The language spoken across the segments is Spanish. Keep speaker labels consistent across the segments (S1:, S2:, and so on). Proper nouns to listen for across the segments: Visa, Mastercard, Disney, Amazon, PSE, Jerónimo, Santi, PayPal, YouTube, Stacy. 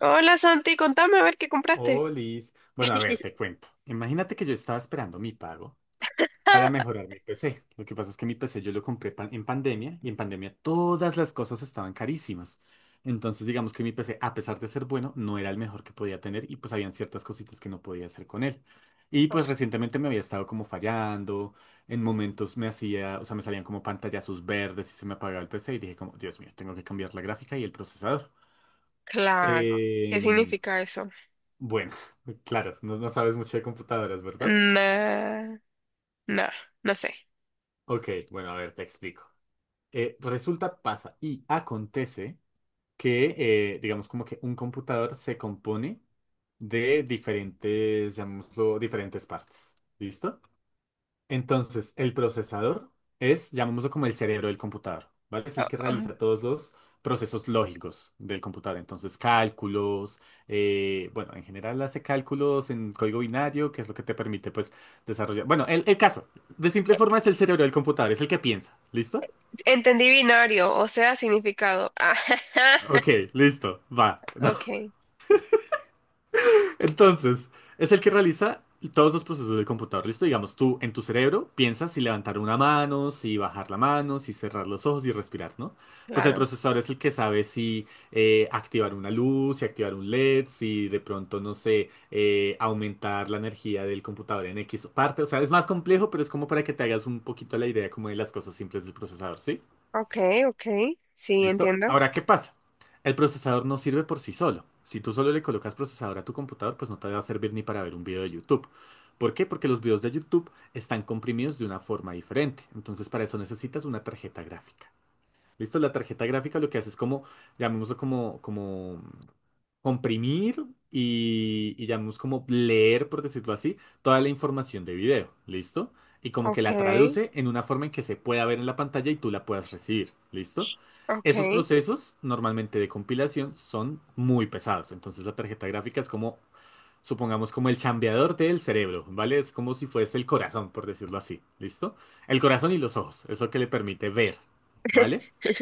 S1: Hola Santi, contame a ver qué compraste.
S2: Oh, Liz. Bueno, a ver, te cuento. Imagínate que yo estaba esperando mi pago para mejorar mi PC. Lo que pasa es que mi PC yo lo compré en pandemia y en pandemia todas las cosas estaban carísimas. Entonces, digamos que mi PC, a pesar de ser bueno, no era el mejor que podía tener y pues habían ciertas cositas que no podía hacer con él. Y pues recientemente me había estado como fallando. En momentos me hacía, o sea, me salían como pantallazos verdes y se me apagaba el PC y dije como, Dios mío, tengo que cambiar la gráfica y el procesador.
S1: Claro, ¿qué
S2: Em,
S1: significa eso?
S2: bueno, claro, no, no sabes mucho de computadoras, ¿verdad?
S1: Nah, no, no sé.
S2: Ok, bueno, a ver, te explico. Resulta, pasa y acontece que, digamos, como que un computador se compone de diferentes, llamémoslo, diferentes partes. ¿Listo? Entonces, el procesador es, llamémoslo como el cerebro del computador, ¿vale? Es el
S1: Oh,
S2: que
S1: oh.
S2: realiza todos los procesos lógicos del computador. Entonces, cálculos, bueno, en general hace cálculos en código binario, que es lo que te permite, pues, desarrollar. Bueno, el caso, de simple forma es el cerebro del computador, es el que piensa, ¿listo?
S1: Entendí binario, o sea, significado.
S2: Ok, listo, va.
S1: Ok,
S2: Entonces, es el que realiza todos los procesos del computador, ¿listo? Digamos, tú en tu cerebro piensas si levantar una mano, si bajar la mano, si cerrar los ojos y respirar, ¿no? Pues el
S1: claro.
S2: procesador es el que sabe si activar una luz, si activar un LED, si de pronto, no sé, aumentar la energía del computador en X parte. O sea, es más complejo, pero es como para que te hagas un poquito la idea como de las cosas simples del procesador, ¿sí?
S1: Ok, ok, sí,
S2: ¿Listo?
S1: entiendo.
S2: Ahora, ¿qué pasa? El procesador no sirve por sí solo. Si tú solo le colocas procesador a tu computador, pues no te va a servir ni para ver un video de YouTube. ¿Por qué? Porque los videos de YouTube están comprimidos de una forma diferente. Entonces, para eso necesitas una tarjeta gráfica. ¿Listo? La tarjeta gráfica lo que hace es como, llamémoslo como, como comprimir y llamamos como leer, por decirlo así, toda la información de video, ¿listo? Y como que
S1: Ok,
S2: la traduce en una forma en que se pueda ver en la pantalla y tú la puedas recibir, ¿listo? Esos
S1: ok.
S2: procesos normalmente de compilación son muy pesados, entonces la tarjeta gráfica es como, supongamos, como el chambeador del cerebro, ¿vale? Es como si fuese el corazón, por decirlo así, ¿listo? El corazón y los ojos, es lo que le permite ver, ¿vale?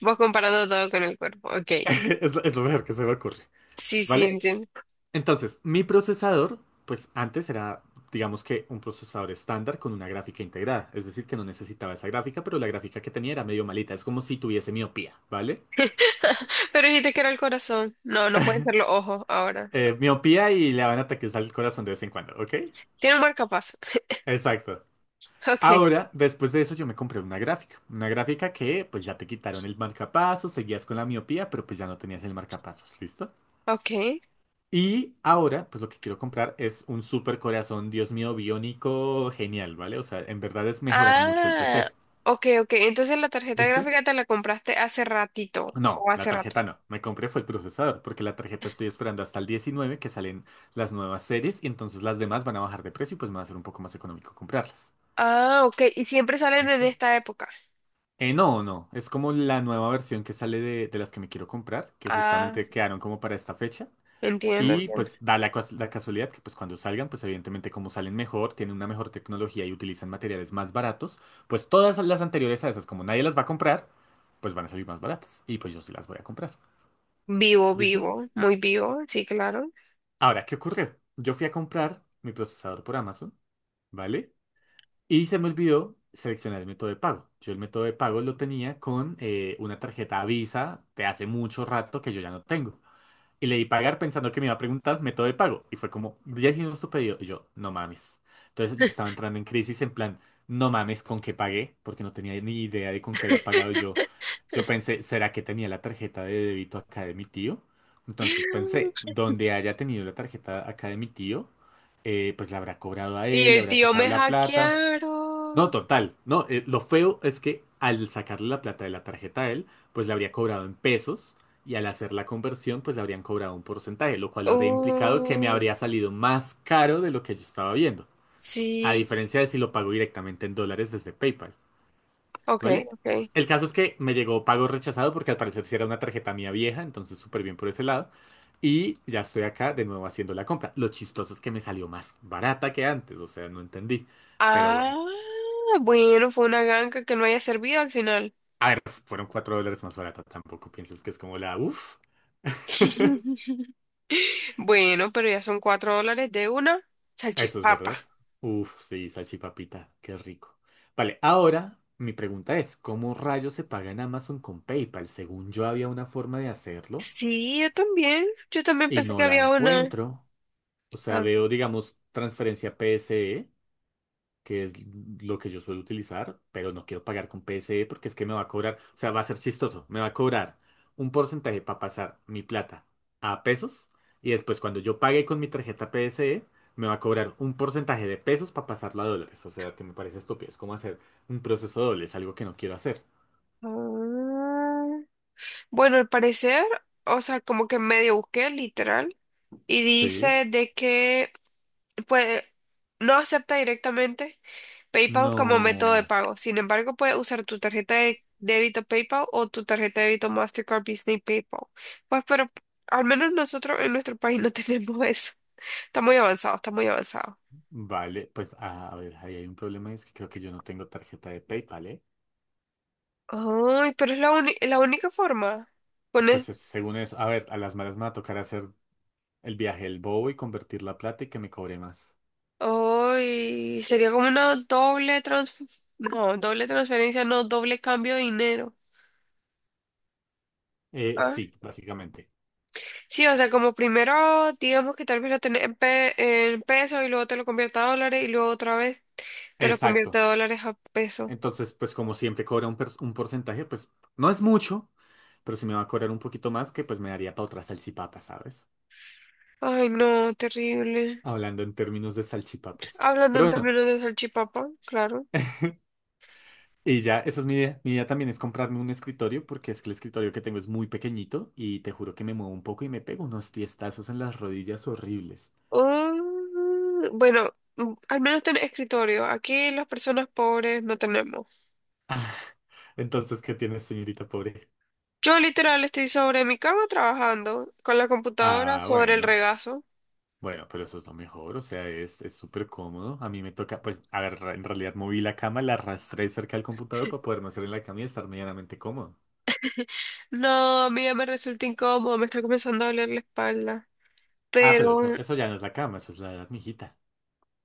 S1: Vos comparando todo con el cuerpo. Ok,
S2: Es lo mejor que se me ocurre,
S1: sí, sí,
S2: ¿vale?
S1: entiendo.
S2: Entonces, mi procesador, pues antes era, digamos que un procesador estándar con una gráfica integrada. Es decir, que no necesitaba esa gráfica, pero la gráfica que tenía era medio malita. Es como si tuviese miopía, ¿vale?
S1: Pero dijiste que era el corazón. No, no pueden ser los ojos ahora.
S2: Miopía y le van ataques al corazón de vez en cuando, ¿ok?
S1: Tiene un marcapaso.
S2: Exacto.
S1: Ok,
S2: Ahora, después de eso, yo me compré una gráfica. Una gráfica que, pues ya te quitaron el marcapasos, seguías con la miopía, pero pues ya no tenías el marcapasos, ¿listo?
S1: ok.
S2: Y ahora, pues lo que quiero comprar es un super corazón, Dios mío, biónico, genial, ¿vale? O sea, en verdad es mejorar mucho el
S1: Ah,
S2: PC.
S1: ok, ok. Entonces la tarjeta
S2: ¿Listo?
S1: gráfica te la compraste hace ratito
S2: No,
S1: o
S2: la
S1: hace rato.
S2: tarjeta no. Me compré fue el procesador, porque la tarjeta estoy esperando hasta el 19 que salen las nuevas series y entonces las demás van a bajar de precio y pues me va a ser un poco más económico comprarlas.
S1: Ah, ok. Y siempre salen en
S2: ¿Listo?
S1: esta época.
S2: No, no. Es como la nueva versión que sale de las que me quiero comprar, que
S1: Ah,
S2: justamente quedaron como para esta fecha.
S1: entiendo,
S2: Y
S1: entiendo.
S2: pues da la, la casualidad que pues cuando salgan, pues evidentemente como salen mejor, tienen una mejor tecnología y utilizan materiales más baratos, pues todas las anteriores a esas, como nadie las va a comprar, pues van a salir más baratas. Y pues yo sí las voy a comprar.
S1: Vivo,
S2: ¿Listo?
S1: vivo, muy vivo, sí, claro.
S2: Ahora, ¿qué ocurrió? Yo fui a comprar mi procesador por Amazon, ¿vale? Y se me olvidó seleccionar el método de pago. Yo el método de pago lo tenía con una tarjeta Visa de hace mucho rato que yo ya no tengo. Y le di pagar pensando que me iba a preguntar método de pago. Y fue como, ya hicimos tu pedido. Y yo, no mames. Entonces yo estaba entrando en crisis en plan, no mames con qué pagué, porque no tenía ni idea de con qué había pagado yo. Yo pensé, ¿será que tenía la tarjeta de débito acá de mi tío? Entonces pensé, donde haya tenido la tarjeta acá de mi tío, pues la habrá cobrado a
S1: Y
S2: él, le
S1: el
S2: habrá
S1: tío
S2: sacado
S1: me
S2: la plata. No,
S1: hackearon.
S2: total. No, lo feo es que al sacarle la plata de la tarjeta a él, pues le habría cobrado en pesos y al hacer la conversión, pues le habrían cobrado un porcentaje, lo cual habría implicado que me
S1: Uh,
S2: habría salido más caro de lo que yo estaba viendo. A
S1: sí,
S2: diferencia de si lo pago directamente en dólares desde PayPal,
S1: ok,
S2: ¿vale?
S1: ok.
S2: El caso es que me llegó pago rechazado porque al parecer sí era una tarjeta mía vieja, entonces súper bien por ese lado. Y ya estoy acá de nuevo haciendo la compra. Lo chistoso es que me salió más barata que antes, o sea, no entendí. Pero bueno.
S1: Ah, bueno, fue una ganga que no haya servido al final.
S2: A ver, fueron $4 más barata, tampoco piensas que es como la uff.
S1: Bueno, pero ya son $4 de una
S2: Eso es
S1: salchipapa.
S2: verdad. Uf, sí, salchipapita, qué rico. Vale, ahora mi pregunta es, ¿cómo rayos se paga en Amazon con PayPal? Según yo había una forma de hacerlo
S1: Sí, yo también. Yo también
S2: y
S1: pensé que
S2: no la
S1: había una.
S2: encuentro. O sea,
S1: Ah,
S2: veo, digamos, transferencia PSE que es lo que yo suelo utilizar, pero no quiero pagar con PSE porque es que me va a cobrar, o sea, va a ser chistoso, me va a cobrar un porcentaje para pasar mi plata a pesos y después cuando yo pague con mi tarjeta PSE, me va a cobrar un porcentaje de pesos para pasarla a dólares, o sea, que me parece estúpido, es como hacer un proceso doble, es algo que no quiero hacer.
S1: ah. Bueno, al parecer, o sea, como que medio busqué, literal, y
S2: Sí,
S1: dice de que puede, no acepta directamente PayPal como método de
S2: no,
S1: pago. Sin embargo, puedes usar tu tarjeta de débito PayPal o tu tarjeta de débito Mastercard Disney PayPal. Pues, pero al menos nosotros en nuestro país no tenemos eso. Está muy avanzado, está muy avanzado.
S2: vale, pues a ver, ahí hay un problema, es que creo que yo no tengo tarjeta de PayPal, ¿eh?
S1: Ay, pero es la única forma. Con
S2: Pues es- según eso, a ver, a las malas me va a tocar hacer el viaje del bobo y convertir la plata y que me cobre más.
S1: Uy, sería como una doble No, doble transferencia, no, doble cambio de dinero. Ah.
S2: Sí, básicamente.
S1: Sí, o sea, como primero, digamos que tal vez lo tenés en pesos y luego te lo convierte a dólares y luego otra vez te lo convierte de
S2: Exacto.
S1: dólares a pesos.
S2: Entonces, pues como siempre cobra un, un porcentaje, pues no es mucho, pero si me va a cobrar un poquito más, que pues me daría para otra salchipapa, ¿sabes?
S1: Ay, no, terrible.
S2: Hablando en términos de salchipapas.
S1: Hablando
S2: Pero
S1: en
S2: bueno,
S1: términos de salchipapa, claro.
S2: y ya, esa es mi idea. Mi idea también es comprarme un escritorio, porque es que el escritorio que tengo es muy pequeñito y te juro que me muevo un poco y me pego unos tiestazos en las rodillas horribles.
S1: Bueno, al menos tenés escritorio. Aquí las personas pobres no tenemos.
S2: Entonces, ¿qué tienes, señorita pobre?
S1: Yo literal estoy sobre mi cama trabajando con la computadora
S2: Ah,
S1: sobre el
S2: bueno.
S1: regazo.
S2: Bueno, pero eso es lo mejor, o sea, es súper cómodo. A mí me toca, pues, a ver, en realidad moví la cama, la arrastré cerca del computador para poderme hacer en la cama y estar medianamente cómodo.
S1: No, a mí ya me resulta incómodo, me está comenzando a doler la espalda.
S2: Ah, pero
S1: Pero,
S2: eso ya no es la cama, eso es la edad, mijita.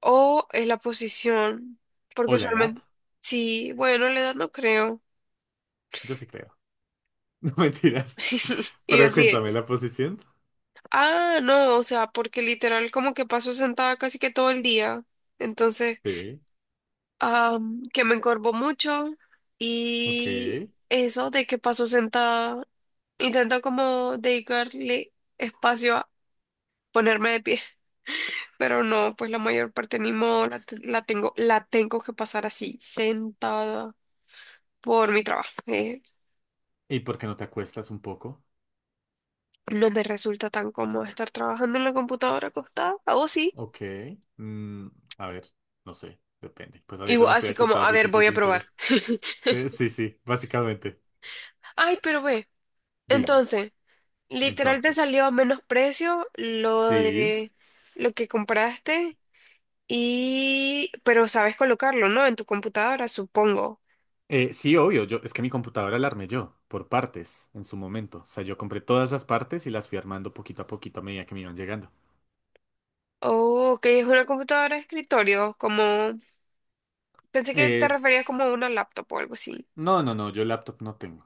S1: o es la posición, porque
S2: O la edad,
S1: usualmente, sí, bueno, la edad no creo.
S2: yo sí creo. No mentiras.
S1: Y yo
S2: Pero
S1: así,
S2: cuéntame
S1: de,
S2: la posición.
S1: ah, no, o sea, porque literal como que paso sentada casi que todo el día. Entonces
S2: Sí,
S1: que me encorvó mucho
S2: ok.
S1: y eso de que paso sentada, intento como dedicarle espacio a ponerme de pie, pero no, pues la mayor parte ni modo, la, la tengo que pasar así, sentada por mi trabajo.
S2: ¿Y por qué no te acuestas un poco?
S1: No me resulta tan cómodo estar trabajando en la computadora acostada, o sí,
S2: Ok. Mm, a ver, no sé, depende. Pues
S1: y
S2: ahorita no estoy
S1: así como,
S2: acostado,
S1: a
S2: si
S1: ver,
S2: te soy
S1: voy a probar.
S2: sincero. Sí, sí, básicamente.
S1: Ay, pero ve,
S2: Dime,
S1: entonces... Literal te
S2: entonces.
S1: salió a menos precio
S2: Sí.
S1: lo que compraste y pero sabes colocarlo, ¿no? En tu computadora, supongo.
S2: Sí, obvio, yo, es que mi computadora la armé yo, por partes, en su momento. O sea, yo compré todas las partes y las fui armando poquito a poquito a medida que me iban llegando.
S1: Oh, que es una computadora de escritorio, como pensé que te referías como a
S2: Es...
S1: una laptop o algo así.
S2: No, no, no, yo laptop no tengo.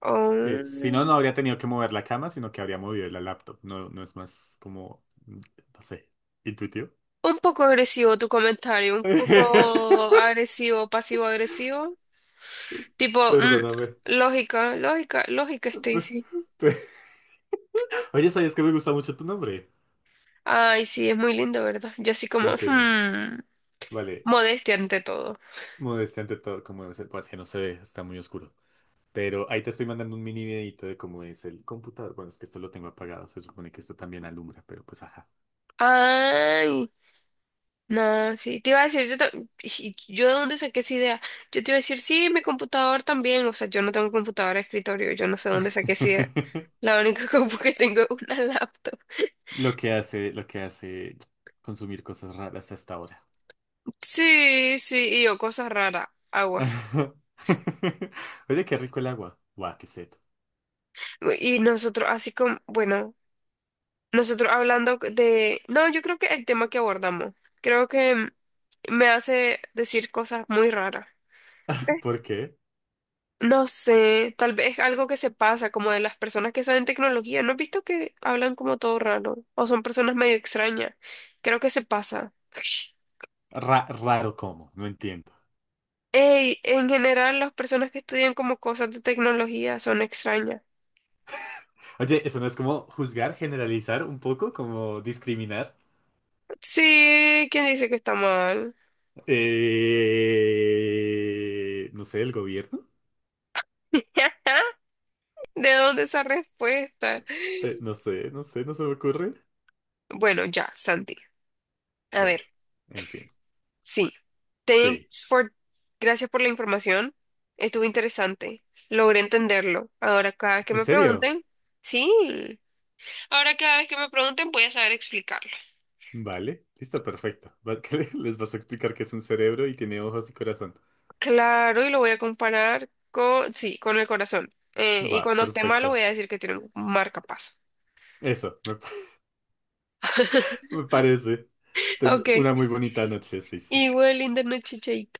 S1: Oh,
S2: Si no, no
S1: un
S2: habría tenido que mover la cama, sino que habría movido la laptop. No, no es más como, no sé, intuitivo.
S1: poco agresivo tu comentario, un poco agresivo, pasivo agresivo. Tipo,
S2: Perdóname.
S1: lógica, lógica, lógica, Stacy.
S2: Oye, ¿sabías que me gusta mucho tu nombre?
S1: Ay, sí, es muy lindo, ¿verdad? Yo así como,
S2: Confirmo. Vale,
S1: modestia ante todo.
S2: modestia ante todo, como debe ser, pues que no se ve, está muy oscuro. Pero ahí te estoy mandando un mini videito de cómo es el computador. Bueno, es que esto lo tengo apagado. Se supone que esto también alumbra, pero pues ajá.
S1: Ay, no, sí, te iba a decir, yo, yo de dónde saqué esa idea. Yo te iba a decir, sí, mi computador también. O sea, yo no tengo computadora de escritorio, yo no sé dónde saqué esa idea. La única compu que tengo es una laptop.
S2: Lo que hace consumir cosas raras hasta ahora.
S1: Sí, sí, y yo, cosas raras, agua.
S2: Oye, qué rico el agua. Guau, qué sed.
S1: Y nosotros, así como, bueno, nosotros hablando de, no, yo creo que el tema que abordamos, creo que me hace decir cosas muy raras.
S2: ¿Por qué?
S1: No sé, tal vez algo que se pasa, como de las personas que saben tecnología. ¿No has visto que hablan como todo raro? O son personas medio extrañas. Creo que se pasa.
S2: Raro cómo, no entiendo.
S1: Ey, en general las personas que estudian como cosas de tecnología son extrañas.
S2: Oye, ¿eso no es como juzgar, generalizar un poco, como discriminar?
S1: Sí, ¿quién dice que está mal?
S2: No sé, el gobierno.
S1: ¿De dónde esa respuesta?
S2: No sé, no sé, no se me ocurre.
S1: Bueno, ya, Santi. A ver.
S2: Bueno, en fin.
S1: Sí.
S2: Sí.
S1: Thanks for... Gracias por la información. Estuvo interesante. Logré entenderlo. Ahora cada vez que
S2: ¿En
S1: me
S2: serio?
S1: pregunten, sí. Ahora cada vez que me pregunten voy a saber explicarlo.
S2: Vale, listo, perfecto. Que les vas a explicar que es un cerebro y tiene ojos y corazón.
S1: Claro, y lo voy a comparar con, sí, con el corazón. Y
S2: Va,
S1: cuando esté malo
S2: perfecto.
S1: voy a decir que tiene un marcapaso.
S2: Eso, me, me parece. Ten
S1: Ok.
S2: una muy bonita noche, Stacy.
S1: Igual, linda noche, chaito.